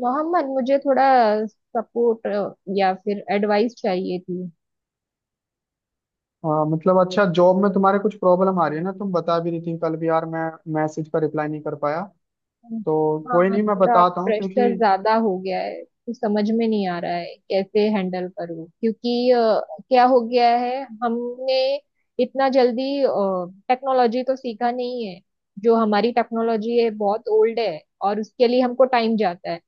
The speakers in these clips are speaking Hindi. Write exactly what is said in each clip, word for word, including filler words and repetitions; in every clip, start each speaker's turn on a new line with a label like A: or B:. A: मोहम्मद, मुझे थोड़ा सपोर्ट या फिर एडवाइस चाहिए थी।
B: हाँ, मतलब अच्छा जॉब में तुम्हारे कुछ प्रॉब्लम आ रही है ना। तुम बता भी रही थी कल भी। यार मैं मैसेज का रिप्लाई नहीं कर पाया तो। कोई
A: हाँ,
B: नहीं, मैं
A: थोड़ा
B: बताता हूँ, क्योंकि
A: प्रेशर ज्यादा हो गया है तो समझ में नहीं आ रहा है कैसे हैंडल करूँ क्योंकि अ, क्या हो गया है हमने इतना जल्दी टेक्नोलॉजी तो सीखा नहीं है। जो हमारी टेक्नोलॉजी है बहुत ओल्ड है और उसके लिए हमको टाइम जाता है।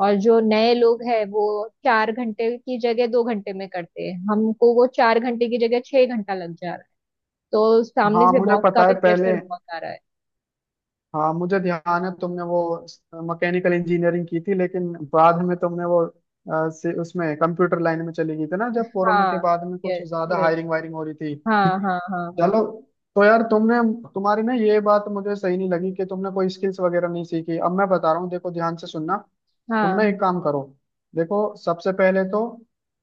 A: और जो नए लोग हैं वो चार घंटे की जगह दो घंटे में करते हैं, हमको वो चार घंटे की जगह छह घंटा लग जा रहा है। तो सामने
B: हाँ
A: से
B: मुझे
A: बॉस का
B: पता है
A: भी
B: पहले।
A: प्रेशर बहुत आ रहा है।
B: हाँ मुझे ध्यान है, तुमने वो मैकेनिकल इंजीनियरिंग की थी, लेकिन बाद में तुमने वो अ, से, उसमें कंप्यूटर लाइन में चली गई थी ना, जब कोरोना के
A: हाँ।
B: बाद में कुछ
A: यस।
B: ज्यादा
A: यस।
B: हायरिंग वायरिंग हो रही थी।
A: हाँ हाँ हाँ हाँ।
B: चलो, तो यार तुमने... तुम्हारी ना ये बात मुझे सही नहीं लगी कि तुमने कोई स्किल्स वगैरह नहीं सीखी। अब मैं बता रहा हूँ, देखो ध्यान से सुनना। तुम ना
A: हाँ।
B: एक काम करो, देखो, सबसे पहले तो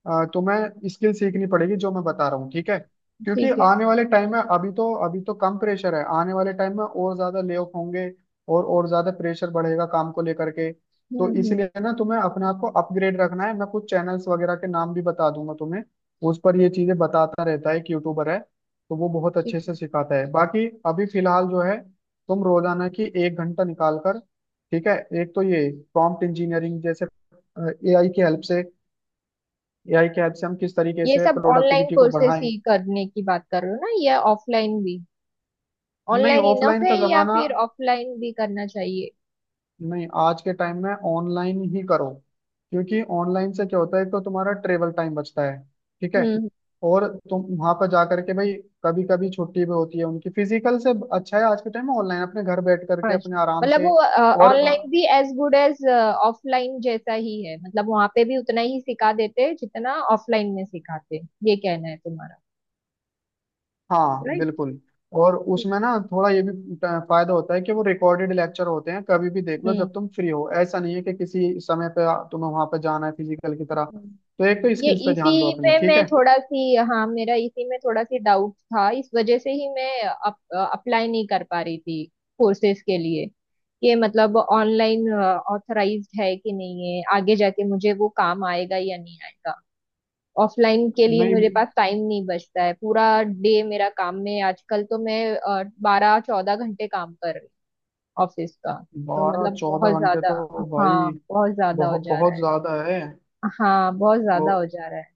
B: अ, तुम्हें स्किल सीखनी पड़ेगी, जो मैं बता रहा हूँ, ठीक है। क्योंकि
A: ठीक है।
B: आने वाले टाइम में अभी तो अभी तो कम प्रेशर है, आने वाले टाइम में और ज्यादा ले ऑफ होंगे। और और ज्यादा प्रेशर बढ़ेगा काम को लेकर के।
A: हम्म
B: तो
A: हम्म।
B: इसलिए ना तुम्हें अपने आप को अपग्रेड रखना है। मैं कुछ चैनल्स वगैरह के नाम भी बता दूंगा तुम्हें, उस पर ये चीजें बताता रहता है, एक यूट्यूबर है, तो वो बहुत
A: ठीक
B: अच्छे
A: है।
B: से सिखाता है। बाकी अभी फिलहाल जो है, तुम रोजाना की एक घंटा निकाल कर, ठीक है। एक तो ये प्रॉम्प्ट इंजीनियरिंग जैसे, एआई की हेल्प से एआई के हेल्प से हम किस तरीके
A: ये
B: से
A: सब ऑनलाइन
B: प्रोडक्टिविटी को
A: कोर्सेस
B: बढ़ाएं।
A: ही करने की बात कर रहे हो ना, या ऑफलाइन भी?
B: नहीं,
A: ऑनलाइन इनफ
B: ऑफलाइन
A: है
B: का
A: या
B: जमाना
A: फिर ऑफलाइन भी करना चाहिए?
B: नहीं। आज के टाइम में ऑनलाइन ही करो, क्योंकि ऑनलाइन से क्या होता है, एक तो तुम्हारा ट्रेवल टाइम बचता है, ठीक है।
A: हम्म हम्म।
B: और तुम वहां पर जा करके भाई, कभी कभी छुट्टी भी होती है उनकी फिजिकल से। अच्छा है आज के टाइम में ऑनलाइन अपने घर बैठ करके
A: अच्छा,
B: अपने आराम
A: मतलब
B: से।
A: वो
B: और
A: ऑनलाइन भी एज गुड एज ऑफलाइन जैसा ही है, मतलब वहां पे भी उतना ही सिखा देते हैं जितना ऑफलाइन में सिखाते हैं। ये कहना है तुम्हारा।
B: हाँ,
A: राइट।
B: बिल्कुल। और
A: ठीक
B: उसमें
A: है।
B: ना थोड़ा ये भी ट- फायदा होता है कि वो रिकॉर्डेड लेक्चर होते हैं, कभी भी देख लो
A: हम्म
B: जब तुम फ्री हो। ऐसा नहीं है कि किसी समय पे आ- तुम्हें वहां पे जाना है फिजिकल की तरह।
A: हम्म।
B: तो एक तो
A: ये
B: स्किल्स पे ध्यान दो
A: इसी
B: अपनी,
A: में
B: ठीक
A: मैं
B: है।
A: थोड़ा सी, हाँ, मेरा इसी में थोड़ा सी डाउट था, इस वजह से ही मैं अप, अप्लाई नहीं कर पा रही थी कोर्सेज के लिए। कि मतलब ऑनलाइन ऑथराइज्ड है कि नहीं है, आगे जाके मुझे वो काम आएगा या नहीं आएगा। ऑफलाइन के लिए
B: नहीं
A: मेरे पास टाइम नहीं बचता है, पूरा डे मेरा काम में, आजकल तो मैं बारह चौदह घंटे काम कर रही हूँ ऑफिस का। तो
B: बारह
A: मतलब बहुत
B: चौदह घंटे
A: ज्यादा,
B: तो भाई
A: हाँ, बहुत ज्यादा हो
B: बहुत
A: जा रहा
B: बहुत
A: है।
B: ज्यादा है।
A: हाँ, बहुत
B: तो
A: ज्यादा हो जा रहा है।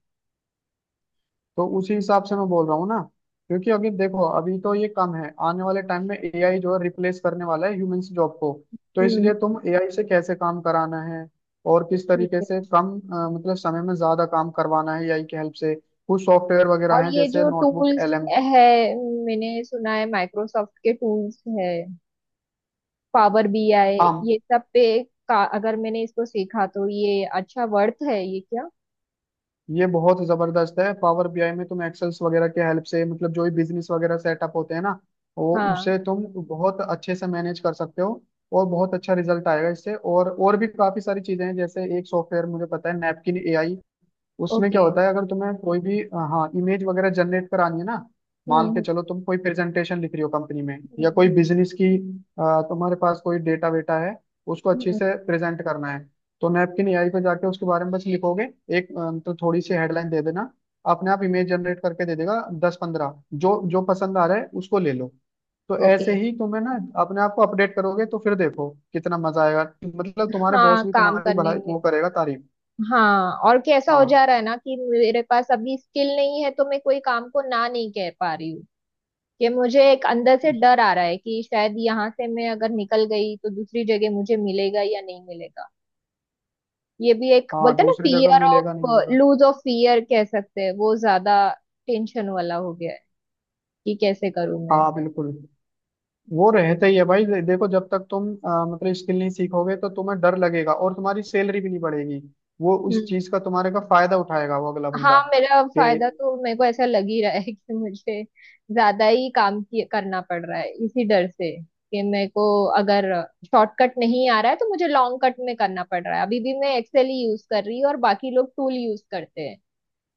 B: तो उसी हिसाब से मैं बोल रहा हूँ ना। क्योंकि अभी देखो, अभी तो ये कम है, आने वाले टाइम में एआई जो है रिप्लेस करने वाला है ह्यूमंस जॉब को। तो
A: हम्म।
B: इसलिए तुम एआई से कैसे काम कराना है, और किस
A: ठीक
B: तरीके
A: है।
B: से कम अ, मतलब समय में ज्यादा काम करवाना है एआई की हेल्प से। कुछ सॉफ्टवेयर वगैरह
A: और
B: हैं,
A: ये
B: जैसे
A: जो
B: नोटबुक
A: टूल्स
B: एलएम,
A: है, मैंने सुना है माइक्रोसॉफ्ट के टूल्स है, पावर बीआई, ये सब पे का अगर मैंने इसको सीखा तो ये अच्छा वर्थ है, ये क्या?
B: ये बहुत जबरदस्त है। पावर बीआई में तुम एक्सेल्स वगैरह के हेल्प से, मतलब जो भी बिजनेस वगैरह सेटअप होते हैं ना, वो
A: हाँ।
B: उसे तुम बहुत अच्छे से मैनेज कर सकते हो, और बहुत अच्छा रिजल्ट आएगा इससे। और और भी काफी सारी चीजें हैं, जैसे एक सॉफ्टवेयर मुझे पता है, नैपकिन एआई। उसमें क्या
A: ओके।
B: होता है, अगर तुम्हें कोई भी अ, हाँ, इमेज वगैरह जनरेट करानी है ना। मान के
A: हम्म
B: चलो तुम कोई प्रेजेंटेशन लिख रही हो कंपनी में,
A: हम्म
B: या कोई
A: हम्म।
B: बिजनेस की, अ, तुम्हारे पास कोई डेटा वेटा है, उसको अच्छे
A: हम्म,
B: से प्रेजेंट करना है, तो नैपकिन एआई पे जाके उसके बारे में बस लिखोगे। एक अ, मतलब थोड़ी सी हेडलाइन दे देना, अपने आप इमेज जनरेट करके दे देगा दस पंद्रह, जो जो पसंद आ रहा है उसको ले लो। तो ऐसे
A: ओके।
B: ही तुम्हें ना अपने आप को अपडेट करोगे तो फिर देखो कितना मजा आएगा। मतलब तुम्हारे बॉस
A: हाँ,
B: भी
A: काम
B: तुम्हारी
A: करने
B: भलाई
A: में।
B: वो करेगा, तारीफ।
A: हाँ, और कैसा हो
B: हाँ,
A: जा रहा है ना कि मेरे पास अभी स्किल नहीं है तो मैं कोई काम को ना नहीं कह पा रही हूँ। कि मुझे एक अंदर से डर आ रहा है कि शायद यहाँ से मैं अगर निकल गई तो दूसरी जगह मुझे मिलेगा या नहीं मिलेगा। ये भी एक
B: हाँ
A: बोलते हैं ना,
B: दूसरी जगह
A: फियर
B: मिलेगा
A: ऑफ
B: नहीं मिलेगा।
A: लूज ऑफ फियर कह सकते हैं, वो ज्यादा टेंशन वाला हो गया है कि कैसे करूं मैं।
B: हाँ, बिल्कुल, वो रहता ही है भाई। दे- देखो जब तक तुम अ, मतलब स्किल नहीं सीखोगे, तो तुम्हें डर लगेगा और तुम्हारी सैलरी भी नहीं बढ़ेगी। वो उस
A: हम्म।
B: चीज का तुम्हारे का फायदा उठाएगा वो अगला बंदा,
A: हाँ, मेरा
B: कि
A: फायदा तो मेरे को ऐसा लग ही रहा है कि मुझे ज्यादा ही काम किए- करना पड़ रहा है इसी डर से कि मेरे को, अगर शॉर्टकट नहीं आ रहा है तो मुझे लॉन्ग कट में करना पड़ रहा है। अभी भी मैं एक्सेल ही यूज कर रही हूँ और बाकी लोग टूल यूज करते हैं,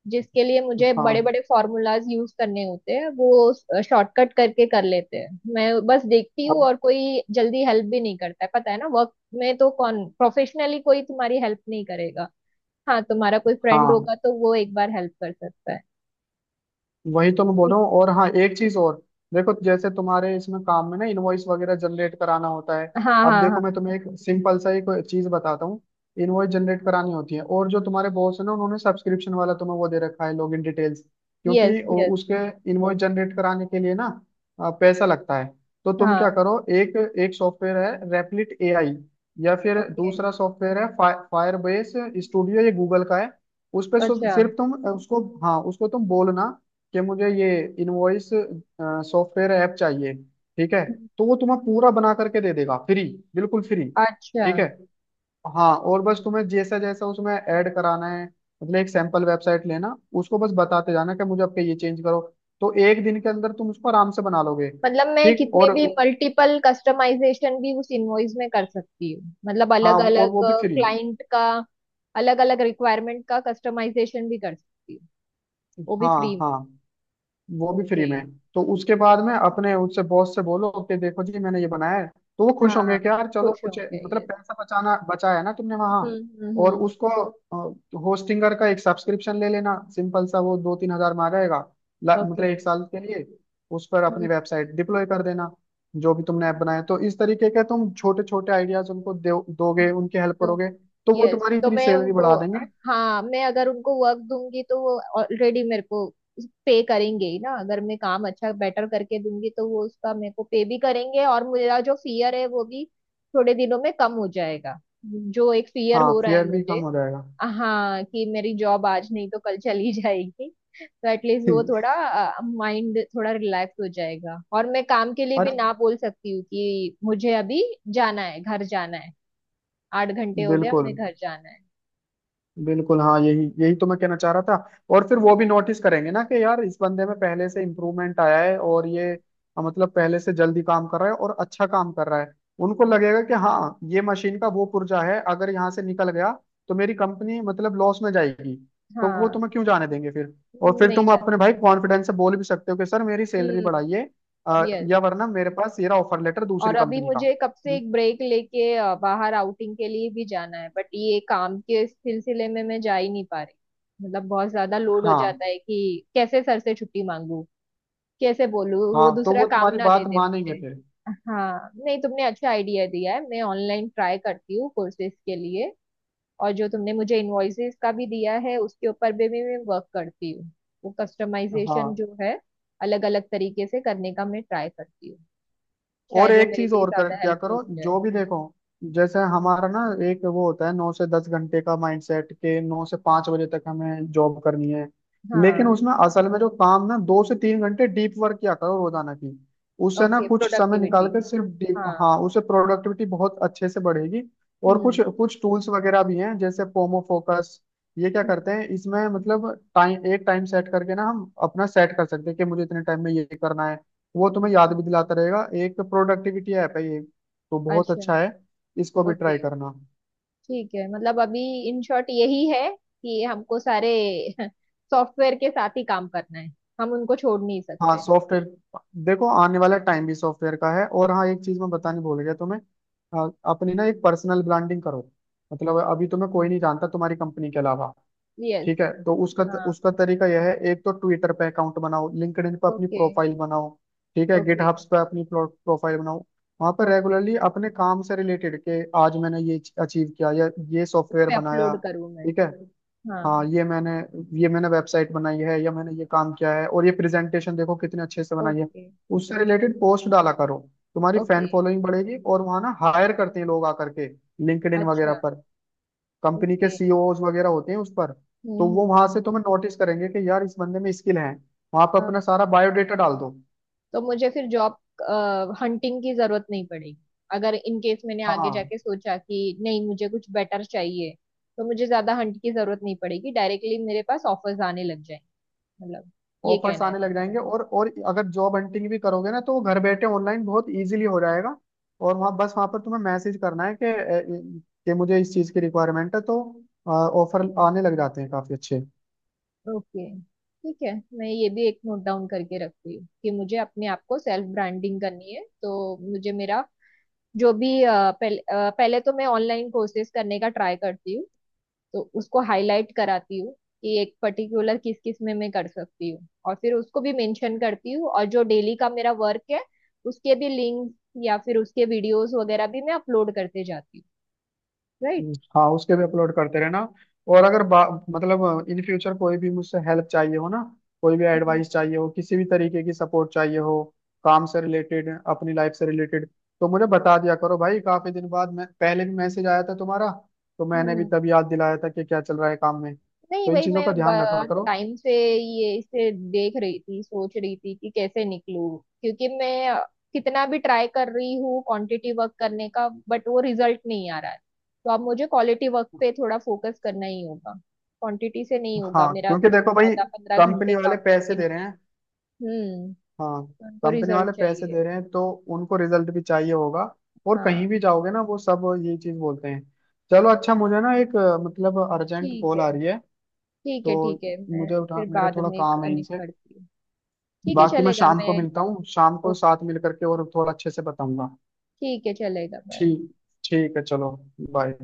A: जिसके लिए मुझे बड़े
B: हाँ।
A: बड़े फॉर्मूलाज यूज करने होते हैं, वो शॉर्टकट करके कर लेते हैं, मैं बस देखती हूँ,
B: अब
A: और कोई जल्दी हेल्प भी नहीं करता है, पता है ना, वर्क में तो कौन प्रोफेशनली कोई तुम्हारी हेल्प नहीं करेगा। हाँ, तुम्हारा कोई फ्रेंड
B: हाँ,
A: होगा तो वो एक बार हेल्प कर सकता है।
B: वही तो मैं बोल
A: ठीक
B: रहा हूँ। और हाँ, एक चीज और, देखो जैसे तुम्हारे इसमें काम में ना इनवॉइस वगैरह जनरेट कराना होता है।
A: है। हाँ
B: अब
A: हाँ
B: देखो मैं
A: हाँ।
B: तुम्हें एक सिंपल सा एक चीज बताता हूँ। इनवॉइस जनरेट करानी होती है, और जो तुम्हारे बॉस है ना उन्होंने सब्सक्रिप्शन वाला तुम्हें वो दे रखा है, लॉगिन डिटेल्स।
A: यस
B: क्योंकि उ-
A: यस।
B: उसके इनवॉइस जनरेट कराने के लिए ना अ, पैसा लगता है। तो तुम
A: हाँ।
B: क्या करो, एक एक सॉफ्टवेयर है रेपलिट एआई, या फिर
A: ओके।
B: दूसरा सॉफ्टवेयर है फायरबेस स्टूडियो, ये गूगल का है। उस पर
A: अच्छा।
B: सिर्फ तुम उसको, हाँ, उसको तुम बोलना कि मुझे ये इनवॉइस सॉफ्टवेयर ऐप चाहिए, ठीक है। तो वो तुम्हें पूरा बना करके दे देगा, फ्री, बिल्कुल फ्री,
A: अच्छा,
B: ठीक है। हाँ, और बस तुम्हें जैसा जैसा उसमें ऐड कराना है, मतलब एक सैंपल वेबसाइट लेना उसको, बस बताते जाना कि मुझे आपके ये चेंज करो। तो एक दिन के अंदर तुम उसको आराम से बना लोगे।
A: मतलब मैं
B: ठीक,
A: कितने
B: और
A: भी मल्टीपल कस्टमाइजेशन भी उस इनवॉइस में कर सकती हूँ, मतलब
B: हाँ,
A: अलग
B: और
A: अलग
B: वो भी फ्री।
A: क्लाइंट का, अलग अलग रिक्वायरमेंट का कस्टमाइजेशन भी कर सकती हूँ, वो भी
B: हाँ
A: फ्री में?
B: हाँ, वो भी
A: ओके।
B: फ्री में। तो उसके बाद में अपने उससे बॉस से बोलो कि देखो जी, मैंने ये बनाया है। तो वो खुश होंगे कि
A: हाँ,
B: यार चलो
A: खुश
B: कुछ
A: होंगे,
B: मतलब
A: यस।
B: पैसा बचाना बचाया है ना तुमने वहां।
A: हम्म हम्म
B: और
A: हम्म।
B: उसको होस्टिंगर का एक सब्सक्रिप्शन ले लेना सिंपल सा, वो दो तीन हजार में आ जाएगा, ला- मतलब
A: ओके।
B: एक साल के लिए। उस पर
A: हम्म
B: अपनी वेबसाइट डिप्लॉय कर देना, जो भी तुमने ऐप
A: हम्म,
B: बनाया। तो इस तरीके के तुम छोटे छोटे आइडियाज उनको दो, दोगे, उनकी हेल्प
A: तो
B: करोगे, तो वो
A: यस,
B: तुम्हारी
A: तो
B: इतनी
A: मैं
B: सैलरी
A: उनको,
B: बढ़ा देंगे।
A: हाँ, मैं अगर उनको वर्क दूंगी तो वो ऑलरेडी मेरे को पे करेंगे ही ना, अगर मैं काम अच्छा बेटर करके दूंगी तो वो उसका मेरे को पे भी करेंगे, और मेरा जो फियर है वो भी थोड़े दिनों में कम हो जाएगा। जो एक फियर
B: हाँ,
A: हो रहा है
B: फेयर भी कम
A: मुझे,
B: हो जाएगा।
A: हाँ, कि मेरी जॉब आज नहीं तो कल चली जाएगी। तो एटलीस्ट वो थोड़ा माइंड, थोड़ा रिलैक्स हो जाएगा, और मैं काम के लिए भी
B: अरे
A: ना बोल सकती हूँ कि मुझे अभी जाना है, घर जाना है। आठ घंटे हो गया,
B: बिल्कुल,
A: मैं घर जाना है।
B: बिल्कुल हाँ, यही यही तो मैं कहना चाह रहा था। और फिर वो भी नोटिस करेंगे ना कि यार इस बंदे में पहले से इम्प्रूवमेंट आया है, और ये अ, मतलब पहले से जल्दी काम कर रहा है और अच्छा काम कर रहा है। उनको लगेगा कि हाँ, ये मशीन का वो पुर्जा है, अगर यहाँ से निकल गया तो मेरी कंपनी मतलब लॉस में जाएगी। तो वो
A: हाँ।
B: तुम्हें क्यों जाने देंगे फिर। और फिर
A: नहीं
B: तुम
A: जाने।
B: अपने भाई कॉन्फिडेंस से बोल भी सकते हो कि सर मेरी सैलरी
A: हम्म।
B: बढ़ाइए, अ,
A: यस।
B: या वरना मेरे पास ये रहा ऑफर लेटर दूसरी
A: और अभी
B: कंपनी का।
A: मुझे कब से एक ब्रेक लेके अ, बाहर आउटिंग के लिए भी जाना है, बट ये काम के सिलसिले में मैं जा ही नहीं पा रही, मतलब बहुत ज्यादा लोड हो
B: हाँ,
A: जाता है कि कैसे सर से छुट्टी मांगू, कैसे बोलूँ
B: हाँ
A: वो
B: तो
A: दूसरा
B: वो
A: काम
B: तुम्हारी
A: ना
B: बात
A: दे दे
B: मानेंगे
A: मुझे।
B: फिर।
A: हाँ, नहीं, तुमने अच्छा आइडिया दिया है, मैं ऑनलाइन ट्राई करती हूँ कोर्सेज के लिए, और जो तुमने मुझे इनवॉइसेस का भी दिया है उसके ऊपर भी भी मैं वर्क करती हूँ। वो कस्टमाइजेशन
B: हाँ,
A: जो है, अलग अलग तरीके से करने का मैं ट्राई करती हूँ,
B: और
A: शायद वो
B: एक
A: मेरे
B: चीज
A: लिए
B: और कर
A: ज्यादा
B: क्या
A: हेल्पफुल
B: करो,
A: हो जाए।
B: जो भी देखो, जैसे हमारा ना एक वो होता है, नौ से दस घंटे का माइंडसेट, के नौ से पांच बजे तक हमें जॉब करनी है। लेकिन
A: हाँ।
B: उसमें असल में जो काम ना, दो से तीन घंटे डीप वर्क किया करो रोजाना की। उससे ना
A: ओके,
B: कुछ समय निकाल
A: प्रोडक्टिविटी।
B: कर सिर्फ डीप,
A: हाँ।
B: हाँ, उससे प्रोडक्टिविटी बहुत अच्छे से बढ़ेगी। और
A: हम्म
B: कुछ कुछ टूल्स वगैरह भी हैं, जैसे पोमो फोकस। ये क्या
A: हम्म।
B: करते हैं इसमें, मतलब टाइम, एक टाइम सेट करके ना हम अपना सेट कर सकते हैं कि मुझे इतने टाइम में ये करना है। वो तुम्हें याद भी दिलाता रहेगा, एक प्रोडक्टिविटी ऐप है ये, तो बहुत
A: अच्छा।
B: अच्छा है, इसको भी
A: ओके।
B: ट्राई करना।
A: ठीक है, मतलब अभी इन शॉर्ट यही है कि हमको सारे सॉफ्टवेयर के साथ ही काम करना है, हम उनको छोड़ नहीं
B: हाँ
A: सकते।
B: सॉफ्टवेयर, देखो आने वाला टाइम भी सॉफ्टवेयर का है। और हाँ, एक चीज मैं बताने भूल गया तुम्हें, हाँ, अपनी ना एक पर्सनल ब्रांडिंग करो। मतलब अभी तुम्हें कोई नहीं जानता तुम्हारी कंपनी के अलावा,
A: यस।
B: ठीक है। तो उसका
A: हाँ।
B: उसका तरीका यह है, एक तो ट्विटर पे अकाउंट बनाओ, लिंक्डइन पे अपनी
A: ओके।
B: प्रोफाइल बनाओ, ठीक है,
A: ओके।
B: गिटहब्स पे अपनी प्रोफाइल बनाओ। वहां पर
A: ओके।
B: रेगुलरली अपने काम से रिलेटेड के आज मैंने ये अचीव किया, या ये
A: उस
B: सॉफ्टवेयर
A: पे
B: बनाया,
A: अपलोड करूँ मैं?
B: ठीक है।
A: हाँ।
B: हाँ, ये मैंने ये मैंने वेबसाइट बनाई है, या मैंने ये काम किया है और ये प्रेजेंटेशन देखो कितने अच्छे से बनाई है।
A: ओके।
B: उससे
A: हम्म।
B: रिलेटेड पोस्ट डाला करो। तुम्हारी फैन
A: ओके।
B: फॉलोइंग बढ़ेगी, और वहां ना हायर करते हैं लोग आकर के, लिंक्डइन वगैरह
A: अच्छा।
B: पर। कंपनी के
A: ओके।
B: सीईओज वगैरह होते हैं उस पर,
A: हम्म
B: तो वो
A: हम्म।
B: वहां से तुम्हें नोटिस करेंगे कि यार इस बंदे में स्किल है। वहां पर
A: अ,
B: अपना सारा बायोडेटा डाल दो।
A: तो मुझे फिर जॉब हंटिंग की जरूरत नहीं पड़ेगी, अगर इन केस मैंने आगे
B: हाँ,
A: जाके सोचा कि नहीं मुझे कुछ बेटर चाहिए तो मुझे ज्यादा हंट की जरूरत नहीं पड़ेगी, डायरेक्टली मेरे पास ऑफर्स आने लग जाएंगे, मतलब, ये
B: ऑफर्स
A: कहना है
B: आने लग
A: तुम्हारा।
B: जाएंगे। और और अगर जॉब हंटिंग भी करोगे ना, तो वो घर बैठे ऑनलाइन बहुत इजीली हो जाएगा। और वहाँ बस वहां पर तुम्हें मैसेज करना है कि अ, कि मुझे इस चीज की रिक्वायरमेंट है, तो ऑफर आने लग जाते हैं काफी अच्छे।
A: ओके। ठीक है, मैं ये भी एक नोट डाउन करके रखती हूँ कि मुझे अपने आप को सेल्फ ब्रांडिंग करनी है, तो मुझे मेरा जो भी अ, पहले अ, पहले तो मैं ऑनलाइन कोर्सेज करने का ट्राई करती हूँ, तो उसको हाईलाइट कराती हूँ कि एक पर्टिकुलर किस किस में मैं कर सकती हूँ, और फिर उसको भी मेंशन करती हूँ, और जो डेली का मेरा वर्क है उसके भी लिंक या फिर उसके वीडियोस वगैरह भी मैं अपलोड करते जाती हूँ। राइट।
B: हाँ, उसके भी अपलोड करते रहना। और अगर बा- मतलब इन फ्यूचर कोई भी मुझसे हेल्प चाहिए हो ना, कोई भी एडवाइस चाहिए हो, किसी भी तरीके की सपोर्ट चाहिए हो, काम से रिलेटेड, अपनी लाइफ से रिलेटेड, तो मुझे बता दिया करो भाई। काफी दिन बाद, मैं पहले भी... मैसेज आया था तुम्हारा, तो मैंने भी
A: हम्म।
B: तब याद दिलाया था कि क्या चल रहा है काम में,
A: नहीं,
B: तो इन
A: वही
B: चीजों का ध्यान
A: मैं
B: रखा करो।
A: टाइम से ये इसे देख रही थी, सोच रही थी कि कैसे निकलूं, क्योंकि मैं कितना भी ट्राई कर रही हूँ क्वांटिटी वर्क करने का, बट वो रिजल्ट नहीं आ रहा है। तो अब मुझे क्वालिटी वर्क पे थोड़ा फोकस करना ही होगा, क्वांटिटी से नहीं
B: हाँ,
A: होगा मेरा,
B: क्योंकि
A: वो
B: देखो भाई,
A: चौदह पंद्रह घंटे
B: कंपनी वाले
A: काम
B: पैसे
A: करके
B: दे रहे
A: नहीं है।
B: हैं,
A: हम्म।
B: हाँ
A: तो उनको
B: कंपनी
A: रिजल्ट
B: वाले पैसे
A: चाहिए।
B: दे रहे हैं तो उनको रिजल्ट भी चाहिए होगा। और कहीं
A: हाँ।
B: भी जाओगे ना वो सब ये चीज बोलते हैं। चलो अच्छा, मुझे ना एक अ, मतलब अर्जेंट
A: ठीक
B: कॉल आ
A: है।
B: रही है।
A: ठीक है।
B: तो
A: ठीक है, मैं
B: मुझे उठा...
A: फिर
B: मेरा
A: बाद
B: थोड़ा
A: में
B: काम है
A: कनेक्ट
B: इनसे।
A: करती हूँ। ठीक है,
B: बाकी मैं
A: चलेगा,
B: शाम को
A: मैं
B: मिलता हूँ, शाम को
A: ओ-
B: साथ मिल करके और थोड़ा अच्छे से बताऊंगा।
A: ठीक है, चलेगा, बाय।
B: ठीक, ठीक है, चलो, बाय।